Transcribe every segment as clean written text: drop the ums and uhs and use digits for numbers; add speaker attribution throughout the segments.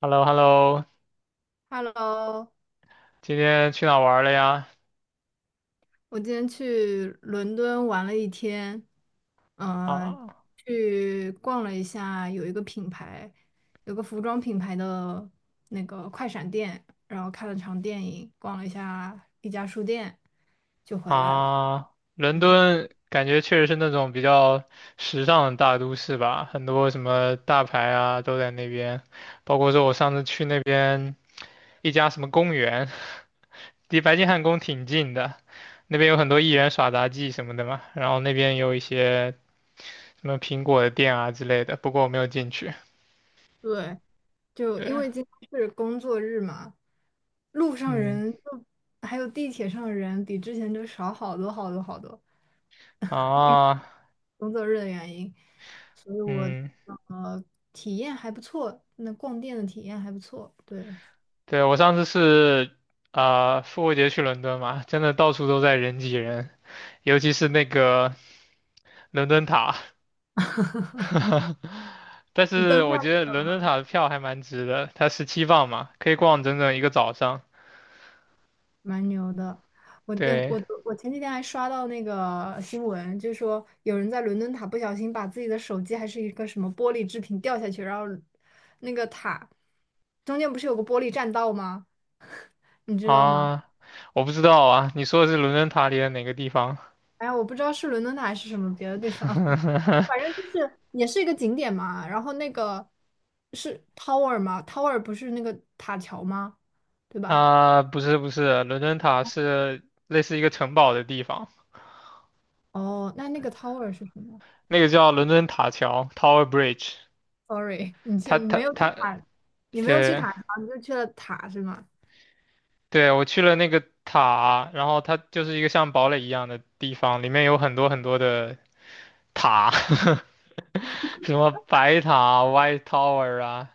Speaker 1: h e l l o h e l l o
Speaker 2: Hello，
Speaker 1: 今天去哪儿玩儿了呀？
Speaker 2: 我今天去伦敦玩了一天，呃，
Speaker 1: 啊
Speaker 2: 去逛了一下，有一个品牌，有个服装品牌的那个快闪店，然后看了场电影，逛了一下一家书店，就回来了。
Speaker 1: 啊，伦
Speaker 2: 嗯，
Speaker 1: 敦感觉确实是那种比较时尚的大都市吧，很多什么大牌啊都在那边，包括说我上次去那边一家什么公园，离白金汉宫挺近的，那边有很多艺人耍杂技什么的嘛，然后那边有一些什么苹果的店啊之类的，不过我没有进去。
Speaker 2: 对，就因
Speaker 1: 对，
Speaker 2: 为今天是工作日嘛，路上
Speaker 1: 嗯，
Speaker 2: 人就还有地铁上人比之前就少好多好多好多。
Speaker 1: 啊，
Speaker 2: 工作日的原因，所以我
Speaker 1: 嗯。
Speaker 2: 呃体验还不错，那逛店的体验还不错，对，
Speaker 1: 对，我上次是复活节去伦敦嘛，真的到处都在人挤人，尤其是那个伦敦塔。但
Speaker 2: 你
Speaker 1: 是
Speaker 2: 登
Speaker 1: 我
Speaker 2: 上
Speaker 1: 觉得伦敦塔的票还蛮值的，它17磅嘛，可以逛整整一个早上。
Speaker 2: 蛮牛的。我嗯
Speaker 1: 对
Speaker 2: 我我前几天还刷到那个新闻，就说有人在伦敦塔不小心把自己的手机还是一个什么玻璃制品掉下去，然后那个塔中间不是有个玻璃栈道吗？你知道吗？
Speaker 1: 啊，我不知道啊，你说的是伦敦塔里的哪个地方？
Speaker 2: 哎呀我不知道是伦敦塔还是什么别的地方。反正就是也是一个景点嘛，然后那个是 tower 吗？tower 不是那个塔桥吗？对吧？
Speaker 1: 啊，不是不是，伦敦塔是类似一个城堡的地方，
Speaker 2: 哦，那那个 tower 是什么
Speaker 1: 那个叫伦敦塔桥 （Tower Bridge）。
Speaker 2: ？Sorry，你
Speaker 1: 它
Speaker 2: 去你
Speaker 1: 它
Speaker 2: 没有去
Speaker 1: 它，
Speaker 2: 塔，你没有去
Speaker 1: 对
Speaker 2: 塔桥，你就去了塔是吗？
Speaker 1: 对，我去了那个塔，然后它就是一个像堡垒一样的地方，里面有很多很多的塔，什么白塔 （White Tower） 啊，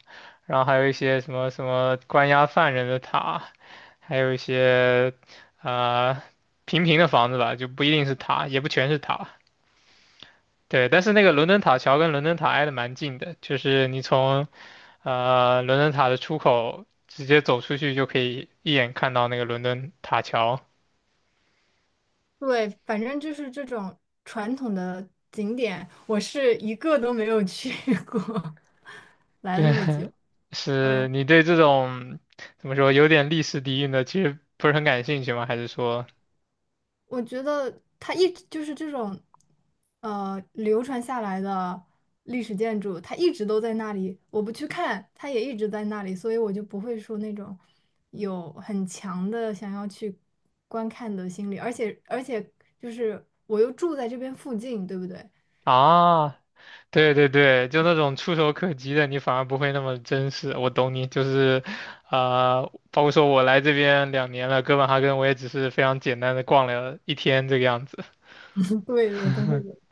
Speaker 1: 然后还有一些什么什么关押犯人的塔，还有一些呃平平的房子吧，就不一定是塔，也不全是塔。对，但是那个伦敦塔桥跟伦敦塔挨得蛮近的，就是你从伦敦塔的出口直接走出去就可以一眼看到那个伦敦塔桥。
Speaker 2: 对，反正就是这种传统的景点，我是一个都没有去过，来了
Speaker 1: 对，
Speaker 2: 那么久，
Speaker 1: 是
Speaker 2: 嗯。
Speaker 1: 你对这种怎么说有点历史底蕴的，其实不是很感兴趣吗？还是说
Speaker 2: 我觉得它一直就是这种，流传下来的历史建筑，它一直都在那里。我不去看，它也一直在那里，所以我就不会说那种有很强的想要去观看的心理。而且就是我又住在这边附近，对不对？
Speaker 1: 啊，对对对，就那种触手可及的，你反而不会那么真实。我懂你，就是啊，包括说我来这边2年了，哥本哈根我也只是非常简单的逛了一天这个样子。
Speaker 2: 对的，对的。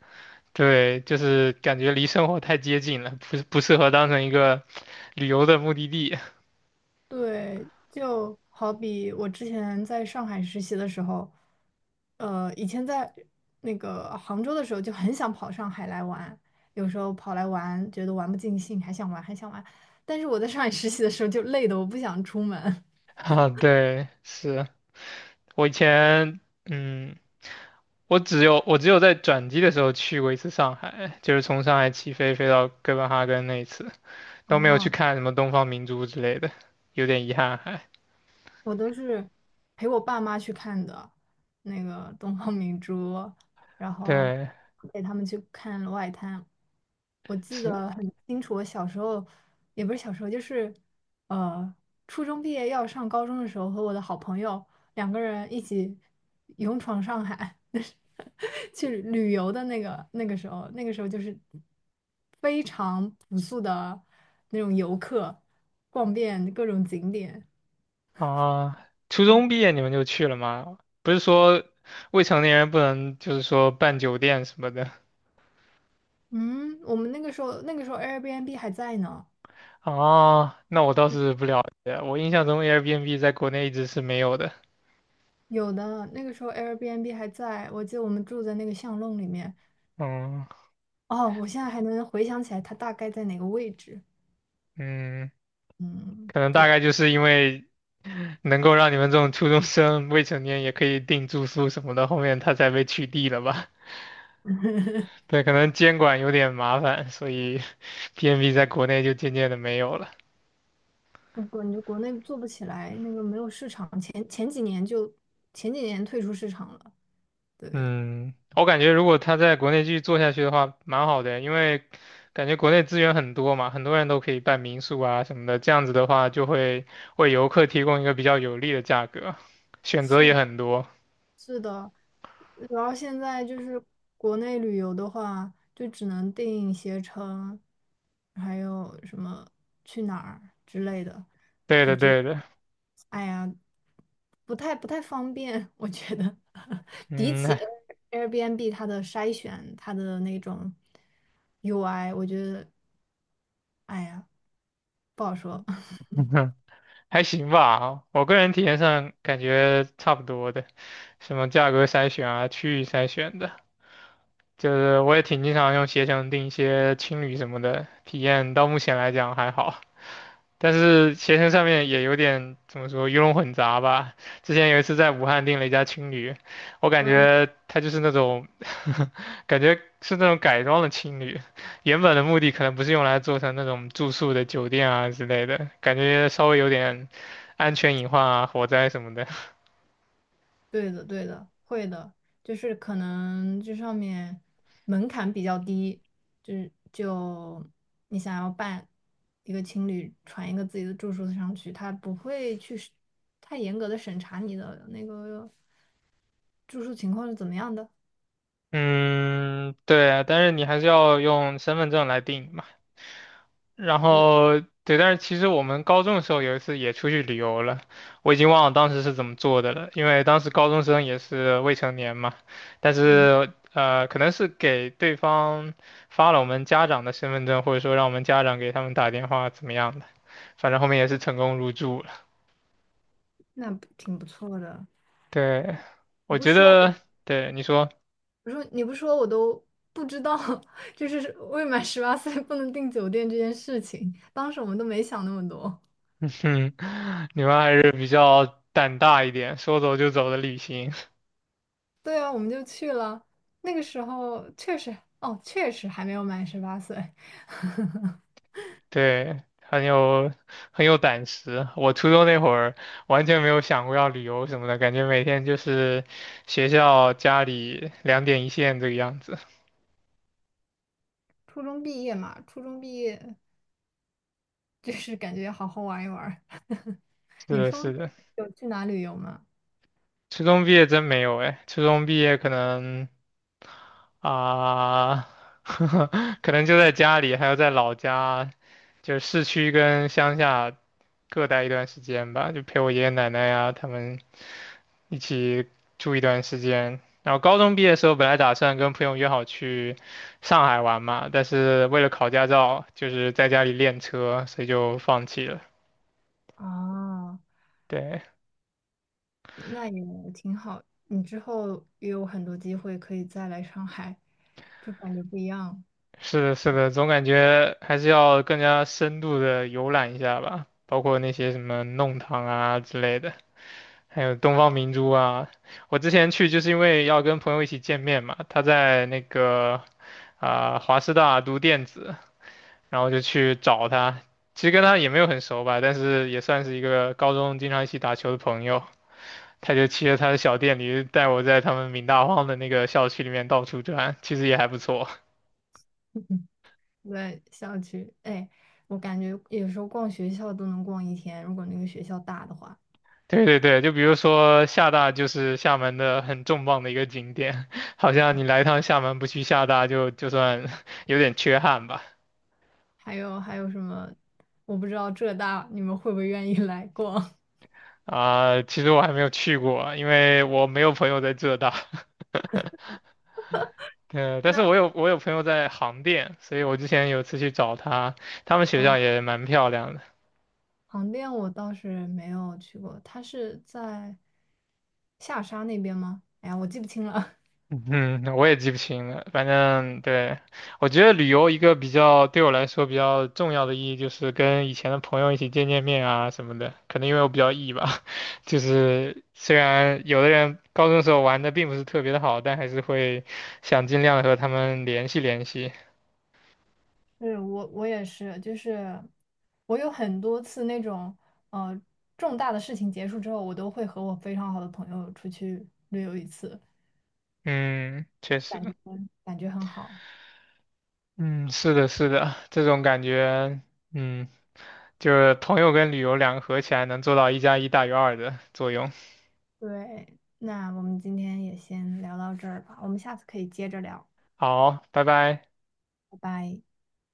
Speaker 1: 对，就是感觉离生活太接近了，不是不适合当成一个旅游的目的地
Speaker 2: 对，就好比我之前在上海实习的时候，以前在那个杭州的时候就很想跑上海来玩，有时候跑来玩觉得玩不尽兴，还想玩。但是我在上海实习的时候就累的我不想出门。
Speaker 1: 啊。对，是我以前。嗯，我只有在转机的时候去过一次上海，就是从上海起飞飞到哥本哈根那一次，
Speaker 2: 哦，
Speaker 1: 都没有去看什么东方明珠之类的，有点遗憾还。
Speaker 2: 我都是陪我爸妈去看的，那个东方明珠，然后
Speaker 1: 对，
Speaker 2: 陪他们去看《外滩》。我记
Speaker 1: 是
Speaker 2: 得很清楚，我小时候也不是小时候，就是呃，初中毕业要上高中的时候，和我的好朋友两个人一起勇闯上海，就是 去旅游的那个时候，那个时候就是非常朴素的那种游客，逛遍各种景点。
Speaker 1: 啊，初
Speaker 2: 嗯
Speaker 1: 中毕业你们就去了吗？不是说未成年人不能就是说办酒店什么的
Speaker 2: 嗯，我们那个时候 Airbnb 还在呢，
Speaker 1: 哦，那我倒是不了解，我印象中 Airbnb 在国内一直是没有的。
Speaker 2: 有的那个时候 Airbnb 还在，我记得我们住在那个巷弄里面。
Speaker 1: 嗯
Speaker 2: 哦，我现在还能回想起来它大概在哪个位置。
Speaker 1: 嗯。
Speaker 2: 嗯，
Speaker 1: 可能大
Speaker 2: 对，
Speaker 1: 概就是因为能够让你们这种初中生、未成年也可以订住宿什么的，后面他才被取缔了吧？对，可能监管有点麻烦，所以 PMB 在国内就渐渐的没有了。
Speaker 2: 我感觉国内做不起来，那个没有市场，前几年退出市场了。对，
Speaker 1: 嗯，我感觉如果他在国内继续做下去的话，蛮好的，因为感觉国内资源很多嘛，很多人都可以办民宿啊什么的，这样子的话就会为游客提供一个比较有利的价格，选择也
Speaker 2: 是
Speaker 1: 很多。
Speaker 2: 是的，然后现在就是国内旅游的话，就只能定携程，还有什么去哪儿之类的。
Speaker 1: 对的，对的，
Speaker 2: 哎呀，不太方便，我觉得 比起
Speaker 1: 嗯。
Speaker 2: Airbnb 它的筛选，它的那种 UI，我觉得，哎呀，不好说。
Speaker 1: 还行吧，我个人体验上感觉差不多的，什么价格筛选啊、区域筛选的。就是我也挺经常用携程订一些青旅什么的，体验到目前来讲还好。但是携程上面也有点怎么说鱼龙混杂吧。之前有一次在武汉订了一家青旅，我感觉它就是那种，感觉是那种改装的青旅，原本的目的可能不是用来做成那种住宿的酒店啊之类的，感觉稍微有点安全隐患啊、火灾什么的。
Speaker 2: 对的，对的，会的，就是可能这上面门槛比较低，就是你想要办一个情侣传一个自己的住宿上去，他不会去是太严格的审查你的那个住宿情况是怎么样的。
Speaker 1: 嗯，对啊，但是你还是要用身份证来订嘛。然
Speaker 2: 对，
Speaker 1: 后对，但是其实我们高中的时候有一次也出去旅游了，我已经忘了当时是怎么做的了，因为当时高中生也是未成年嘛，但
Speaker 2: 嗯，
Speaker 1: 是可能是给对方发了我们家长的身份证，或者说让我们家长给他们打电话怎么样的，反正后面也是成功入住了。
Speaker 2: 那不挺不错的。
Speaker 1: 对，
Speaker 2: 你
Speaker 1: 我
Speaker 2: 不
Speaker 1: 觉
Speaker 2: 说
Speaker 1: 得
Speaker 2: 我，
Speaker 1: 对你说，
Speaker 2: 说你不说我都不知道，就是未满十八岁不能订酒店这件事情，当时我们都没想那么多。
Speaker 1: 嗯，你们还是比较胆大一点，说走就走的旅行。
Speaker 2: 对啊，我们就去了。那个时候确实，哦，确实还没有满十八岁，
Speaker 1: 对，很有胆识。我初中那会儿完全没有想过要旅游什么的，感觉每天就是学校、家里两点一线这个样子。
Speaker 2: 初中毕业嘛，初中毕业就是感觉好好玩一玩儿
Speaker 1: 是
Speaker 2: 你
Speaker 1: 的，
Speaker 2: 初中
Speaker 1: 是
Speaker 2: 毕
Speaker 1: 的，
Speaker 2: 业有去哪旅游吗？
Speaker 1: 初中毕业真没有哎，初中毕业可能啊，可能就在家里，还要在老家，就是市区跟乡下各待一段时间吧，就陪我爷爷奶奶呀、他们一起住一段时间。然后高中毕业的时候，本来打算跟朋友约好去上海玩嘛，但是为了考驾照，就是在家里练车，所以就放弃了。
Speaker 2: 啊，
Speaker 1: 对，
Speaker 2: 那也挺好。你之后也有很多机会可以再来上海，就感觉不一样。
Speaker 1: 是的，是的，总感觉还是要更加深度的游览一下吧，包括那些什么弄堂啊之类的，还有东方明珠啊。我之前去就是因为要跟朋友一起见面嘛，他在那个华师大读电子，然后就去找他。其实跟他也没有很熟吧，但是也算是一个高中经常一起打球的朋友。他就骑着他的小电驴带我在他们闽大荒的那个校区里面到处转，其实也还不错。
Speaker 2: 对，校区，哎，我感觉有时候逛学校都能逛一天，如果那个学校大的话。
Speaker 1: 对对对，就比如说厦大就是厦门的很重磅的一个景点，好像你来一趟厦门不去厦大就算 有点缺憾吧。
Speaker 2: 还有还有什么？我不知道浙大你们会不会愿意 来逛？
Speaker 1: 其实我还没有去过，因为我没有朋友在浙大。对，但是我有朋友在杭电，所以我之前有次去找他，他们学校
Speaker 2: 啊？
Speaker 1: 也蛮漂亮的。
Speaker 2: 航店我倒是没有去过，它是在下沙那边吗？哎呀，我记不清了。
Speaker 1: 嗯，我也记不清了，反正对，我觉得旅游一个比较对我来说比较重要的意义就是跟以前的朋友一起见见面啊什么的。可能因为我比较 E 吧，就是虽然有的人高中时候玩的并不是特别的好，但还是会想尽量地和他们联系联系。
Speaker 2: 是我也是，就是我有很多次那种呃重大的事情结束之后，我都会和我非常好的朋友出去旅游一次，
Speaker 1: 嗯，确
Speaker 2: 感觉
Speaker 1: 实。
Speaker 2: 感觉很好。
Speaker 1: 嗯，是的，是的，这种感觉，嗯，就是朋友跟旅游两个合起来能做到一加一大于二的作用。
Speaker 2: 对，那我们今天也先聊到这儿吧，我们下次可以接着聊，
Speaker 1: 好，拜拜。
Speaker 2: 拜拜。